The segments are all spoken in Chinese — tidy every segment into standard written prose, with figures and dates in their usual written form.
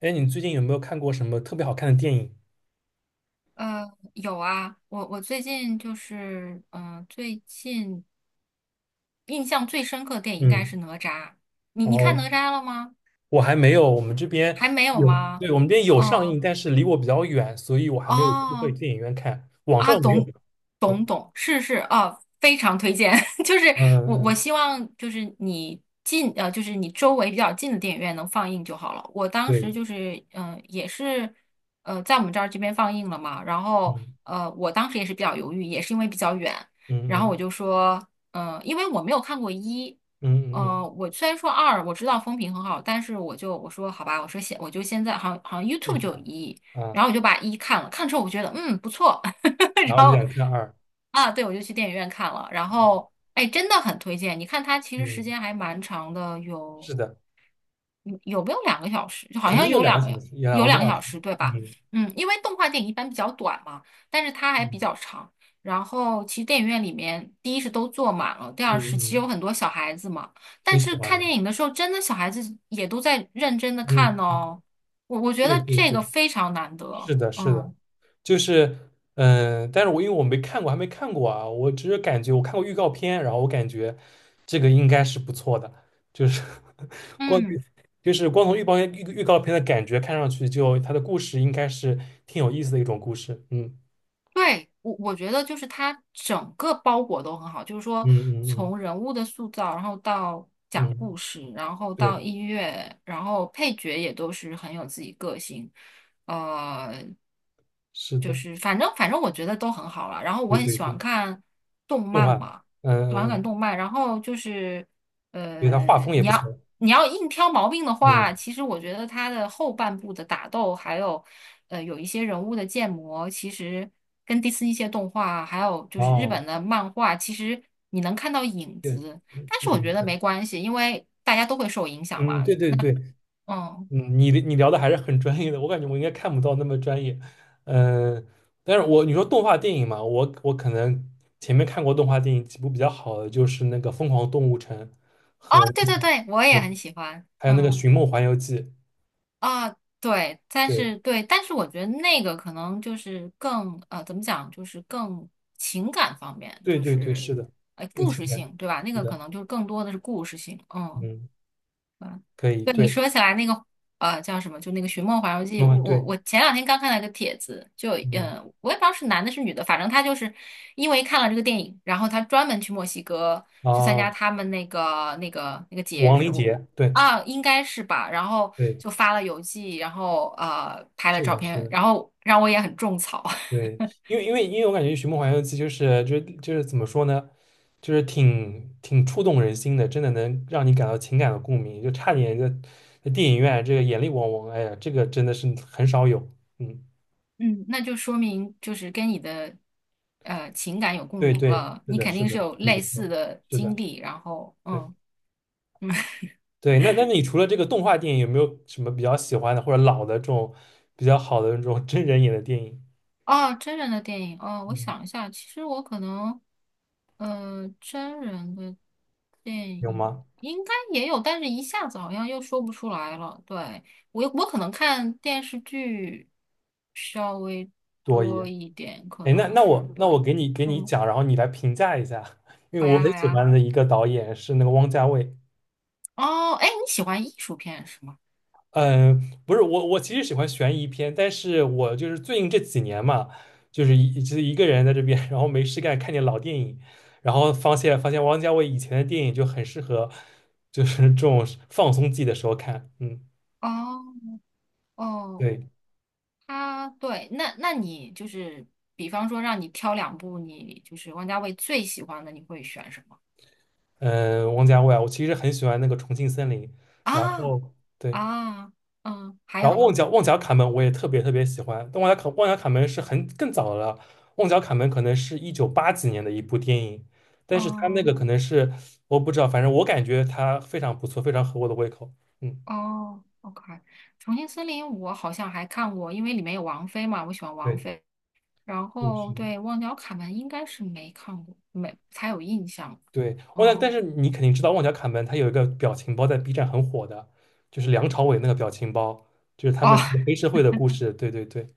哎，你最近有没有看过什么特别好看的电影？有啊，我最近就是，嗯，最近印象最深刻的电影应该嗯，是哪吒。你然你后看哪嗯吒了吗？我还没有，我们这边还没有有，吗？对，我们这边有上哦映，但是离我比较远，所以我还没有机会哦去电影院看，网啊，上没有。懂对，懂懂，是是啊，非常推荐。就是我嗯我嗯，希望就是就是你周围比较近的电影院能放映就好了。我当时对，就是也是在我们这边放映了嘛，然后嗯我当时也是比较犹豫，也是因为比较远，然嗯后我嗯就说，因为我没有看过一。嗯嗯嗯，我虽然说二我知道风评很好，但是我说好吧，我说现我就现在好像 试一 YouTube 就下有一，啊，然后我就把一看了，看之后我觉得不错，然 后然就后想看二，啊，对，我就去电影院看了。然后，哎，真的很推荐。你看它其实时嗯，间还蛮长的，是的，有没有两个小时？就好肯定像有有两个两小个时，有两个多小小时，时，对吧？嗯嗯，因为动画电影一般比较短嘛，但是它还比嗯较长。然后，其实电影院里面，第一是都坐满了，第嗯二是嗯，其实有很多小孩子嘛。挺但喜是欢看的，电影的时候，真的小孩子也都在认真的看嗯，嗯哦。我觉对得对这个对，非常难得。是的，是嗯的，就是，嗯，但是我因为我没看过，还没看过啊，我只是感觉我看过预告片，然后我感觉这个应该是不错的，就是 光嗯。从预告片预告片的感觉看上去就，它的故事应该是挺有意思的一种故事，嗯对，我觉得就是它整个包裹都很好，就是说嗯嗯从人物的塑造，然后到嗯讲嗯，故事，然后到对，音乐，然后配角也都是很有自己个性，呃，是就的，是反正我觉得都很好了。然后我对很对喜欢对，看动动画，漫嘛，短嗯，感嗯动漫。然后就是对，它画呃，风也你不要错，你要硬挑毛病的话，嗯，其实我觉得它的后半部的打斗，还有有一些人物的建模，其实跟迪士尼一些动画，还有就是日哦，本的漫画，其实你能看到影对，子。嗯，但是我觉嗯得对，没关系，因为大家都会受影响嗯，嘛。对对对。嗯，嗯，你聊的还是很专业的，我感觉我应该看不到那么专业。嗯，但是我你说动画电影嘛，我可能前面看过动画电影几部比较好的，就是那个《疯狂动物城》哦，和对那对个对，我也对，很喜欢。还有那个嗯。《寻梦环游记》。啊，对，对但是我觉得那个可能就是怎么讲，就是更情感方面，对就对对，是是的，更故情事感，性，对吧？那是个可的，能就更多的是故事性，嗯。嗯，可以，对你对，说起来那个叫什么，就那个《寻梦环游记》，动画我对，我前两天刚看到一个帖子，嗯我也不知道是男的是女的，反正他就是因为看了这个电影，然后他专门去墨西哥去参加啊，他们那个节王日，林杰，对啊应该是吧，然后对，就发了邮寄，然后拍了是照的，是片，的，然后让我也很种草，对，因为我感觉《寻梦环游记》就是怎么说呢，就是挺触动人心的，真的能让你感到情感的共鸣，就差点就在电影院这个眼泪汪汪，哎呀，这个真的是很少有。嗯，嗯，那就说明就是跟你的情感有共对鸣对，了，是你的，肯是定是的，有很不类似错，的是的，经历，然后对嗯。对。那你除了这个动画电影，有没有什么比较喜欢的或者老的这种比较好的这种真人演的电影？哦，真人的电影哦，我嗯，想一下，其实我可能，真人的电有影吗？应该也有，但是一下子好像又说不出来了。对，我可能看电视剧稍微多一多点。一点，可哎，那能那是我那对，我给你嗯，讲，然后你来评价一下，因为好我呀很好喜呀。欢的一个导演是那个汪家卫。哦，哎，你喜欢艺术片是吗？嗯，不是我，我其实喜欢悬疑片，但是我就是最近这几年嘛，就是一个人在这边，然后没事干看点老电影，然后发现汪家卫以前的电影就很适合，就是这种放松自己的时候看。嗯，哦哦，对，他对，那你就是，比方说让你挑两部你就是王家卫最喜欢的，你会选什么？嗯，汪家卫啊，我其实很喜欢那个《重庆森林》，然啊后对。啊，嗯，还然有后旺呢，角旺角卡门我也特别特别喜欢，但旺角卡门是很更早的了，旺角卡门可能是一九八几年的一部电影，但是他那个可哦能是我不知道，反正我感觉它非常不错，非常合我的胃口。嗯，哦，OK，《重庆森林》我好像还看过，因为里面有王菲嘛，我喜欢王对，菲。然是的，是后的。对《忘掉卡门》应该是没看过，没才有印象。对，旺角，但嗯，是你肯定知道旺角卡门，他有一个表情包在 B 站很火的，就是梁朝伟那个表情包，就是他们哦 是个黑 社会的故事。对对对，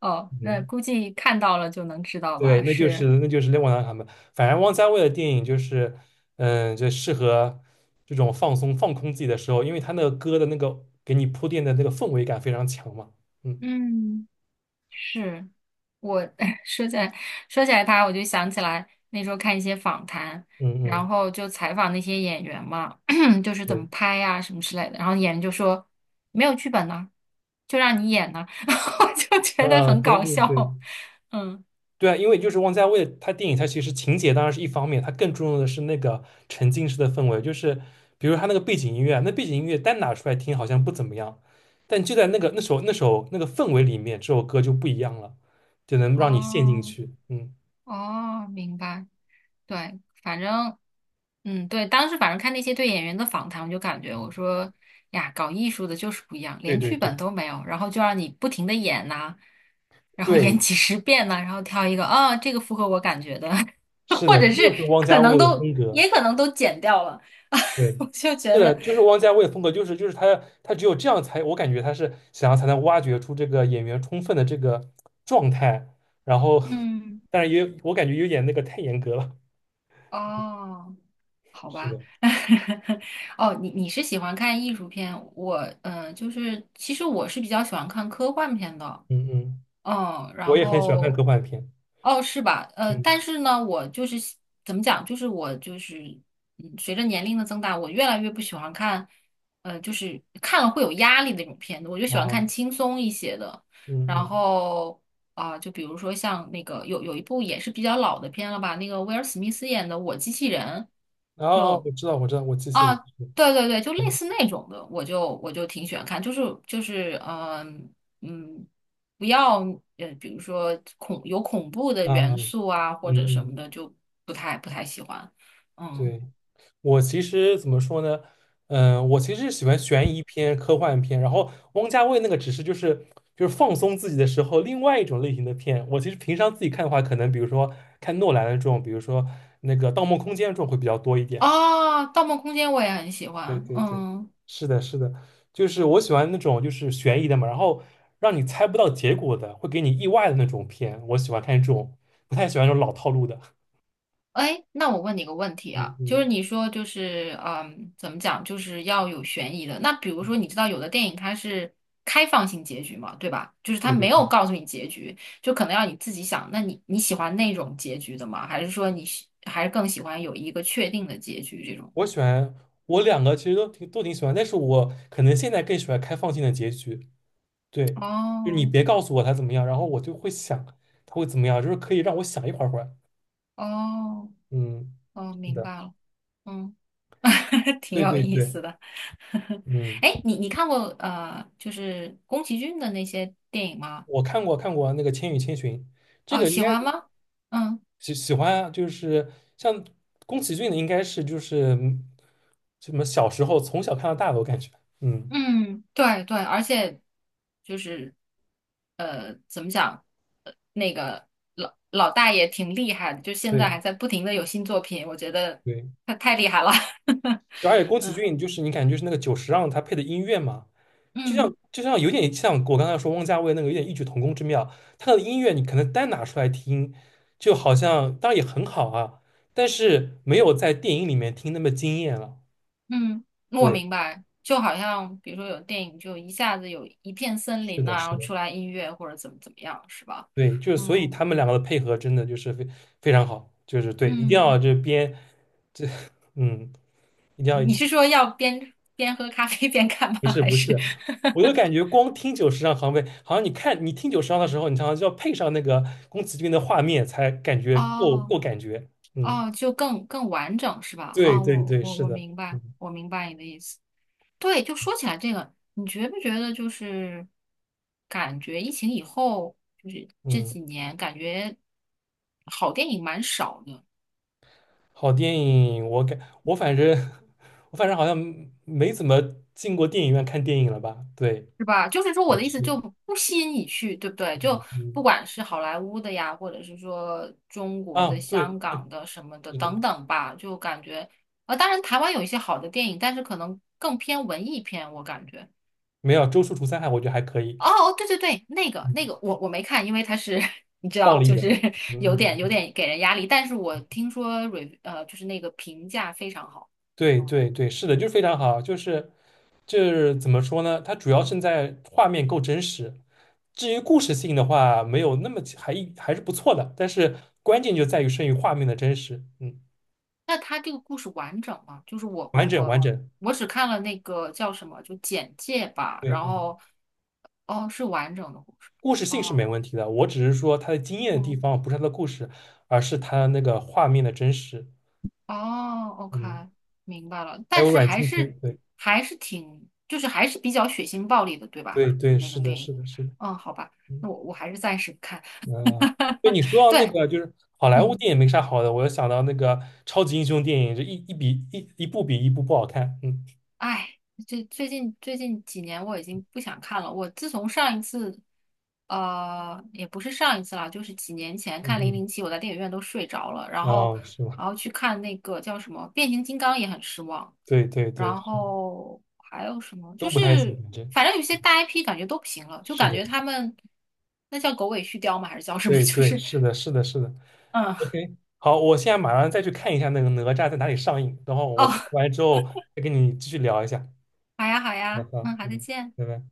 哦，那嗯。估计看到了就能知道对，吧？那就是是，那就是汪洋他们，反正汪家卫的电影就是，嗯，就适合这种放松、放空自己的时候，因为他那个歌的那个给你铺垫的那个氛围感非常强嘛。嗯嗯。是我 说起来说起来他，我就想起来那时候看一些访谈，嗯然嗯，后就采访那些演员嘛，就是怎么对，拍呀、什么之类的，然后演员就说没有剧本呢、就让你演呢、然后我就觉得啊，很对搞对对笑。嗯，对啊，因为就是汪家卫他电影，他其实情节当然是一方面，他更注重的是那个沉浸式的氛围，就是比如他那个背景音乐啊那背景音乐单拿出来听好像不怎么样，但就在那个那首那个氛围里面，这首歌就不一样了，就能让你陷进哦去。嗯。哦，明白。对，反正，嗯，对，当时反正看那些对演员的访谈，我就感觉我说哎呀，搞艺术的就是不一样，对连对剧本对都没有，然后就让你不停的演呐、然后演对，几十遍呐、然后挑一个啊，这个符合我感觉的，是或的，者这是就是汪家可能卫的都风格。也可能都剪掉了，对，我就是觉的，得，就是汪家卫的风格，就是他只有这样才，我感觉他是想要才能挖掘出这个演员充分的这个状态，然后，嗯，但是也有我感觉有点那个太严格了。哦，好是吧，的，哦，你是喜欢看艺术片，就是其实我是比较喜欢看科幻片的。嗯嗯，嗯，我然也很喜欢看后，科幻片。哦，是吧？嗯但是呢，我就是喜怎么讲，就是我就是，随着年龄的增大，我越来越不喜欢看，就是看了会有压力的那种片子，我就喜欢啊，看轻松一些的。嗯然嗯，后啊、就比如说像那个有一部也是比较老的片了吧，那个威尔史密斯演的《我机器人》，啊啊，就我知道我知道，我机器啊，人是，对对对，就类嗯似那种的，我就挺喜欢看，就是嗯。嗯，不要比如说有恐怖的啊啊，元嗯素啊，或者什么嗯，的，就不太喜欢。嗯，对。我其实怎么说呢？我其实是喜欢悬疑片、科幻片，然后汪家卫那个只是就是放松自己的时候另外一种类型的片。我其实平常自己看的话，可能比如说看诺兰的这种，比如说那个《盗梦空间》这种会比较多一点。哦，《盗梦空间》我也很喜 对欢。对对，嗯，是的，是的，就是我喜欢那种就是悬疑的嘛，然后让你猜不到结果的，会给你意外的那种片，我喜欢看这种，不太喜欢这种老套路的。哎，那我问你个问题嗯啊，就嗯，是你说怎么讲，就是要有悬疑的。那比如说，你知道有的电影它是开放性结局嘛，对吧？就是它对对没有对。告诉你结局，就可能要你自己想。那你喜欢那种结局的吗？还是说还是更喜欢有一个确定的结局这种？我喜欢我两个其实都挺喜欢，但是我可能现在更喜欢开放性的结局。对，就你哦。别告诉我他怎么样，然后我就会想他会怎么样，就是可以让我想一会儿。哦，嗯，哦，是明的，白了，嗯，挺对有对意对，思的。嗯，哎你看过就是宫崎骏的那些电影吗？我看过那个《千与千寻》，这啊，个应喜该欢是吗？嗯喜欢啊就是像宫崎骏的，应该是就是什么小时候从小看到大的，我感觉，嗯，嗯，对对，而且就是怎么讲，那个老大爷挺厉害的，就现对在还在不停的有新作品，我觉得对，他太厉害了。就而且宫崎嗯骏就是你感觉就是那个久石让他配的音乐嘛。就像嗯。就像有点像我刚才说汪家卫那个有点异曲同工之妙，他的音乐你可能单拿出来听，就好像当然也很好啊，但是没有在电影里面听那么惊艳了。嗯，我对，明白，就好像比如说有电影，就一下子有一片森是林呐、的，然是后的，出来音乐或者怎么怎么样，是吧？对，就是所以嗯他们两个的配合真的就是非常好，就是对，一定要嗯，这边这 嗯，一定要你是说要边喝咖啡边看吗？不是还不是 是，我就 感觉光听久石让行为，好像你看你听久石让的时候，你常常就要配上那个宫崎骏的画面才感觉够哦感觉，嗯。哦，就更完整是吧？对啊、对对，是我的，明白，嗯我明白你的意思。对，就说起来这个，你觉不觉得就是感觉疫情以后，就是这嗯，几年感觉好电影蛮少的。好电影，我反正 我反正好像没怎么进过电影院看电影了吧？对，是吧？就是说，我那的意思是，就不吸引你去，对不对？嗯就不嗯，管是好莱坞的呀，或者是说中国的、啊，对香对，港的什么的是的，等等吧，就感觉，当然台湾有一些好的电影，但是可能更偏文艺片，我感觉。没有《周处除三害》，我觉得还可以，哦，哦对对对，那个嗯，那个我没看，因为它是 你知暴道，力就的，是 嗯嗯，有嗯点给人压力，但是我听说 就是那个评价非常好。对嗯对对，是的，就是非常好，就是怎么说呢？它主要胜在画面够真实，至于故事性的话，没有那么还是不错的，但是关键就在于胜于画面的真实，嗯。那他这个故事完整吗？就是完整完整，我只看了那个叫什么，就简介吧，对，然嗯，后哦是完整的故事，故事性是没哦问题的，我只是说它的惊艳的地嗯方不是它的故事，而是它那个画面的真实，哦，OK，嗯，明白了，还但有是阮经天，对还是挺就是还是比较血腥暴力的，对吧？对就是对，那是个的，电是影，的，是的，嗯，好吧，那嗯，我还是暂时不看，啊，对 你说到那对，个就是好莱坞嗯。电影没啥好的，我又想到那个超级英雄电影，这一部比一部不好看，嗯哎，这最近几年我已经不想看了。我自从上一次，也不是上一次啦，就是几年前看《零嗯零七》，我在电影院都睡着了。然嗯，后，哦，是吗？去看那个叫什么《变形金刚》也很失望。对对对，然是的，后还有什么？都不太行，反正反正有些大 IP 感觉都不行了，就是感的，觉他们那叫狗尾续貂吗？还是叫什么？对就对，是是的，是的，是的，嗯，OK，好，我现在马上再去看一下那个哪吒在哪里上映，然后哦，我看完之后再跟你继续聊一下。好呀好好呀，好，嗯，好，再嗯，见。拜拜。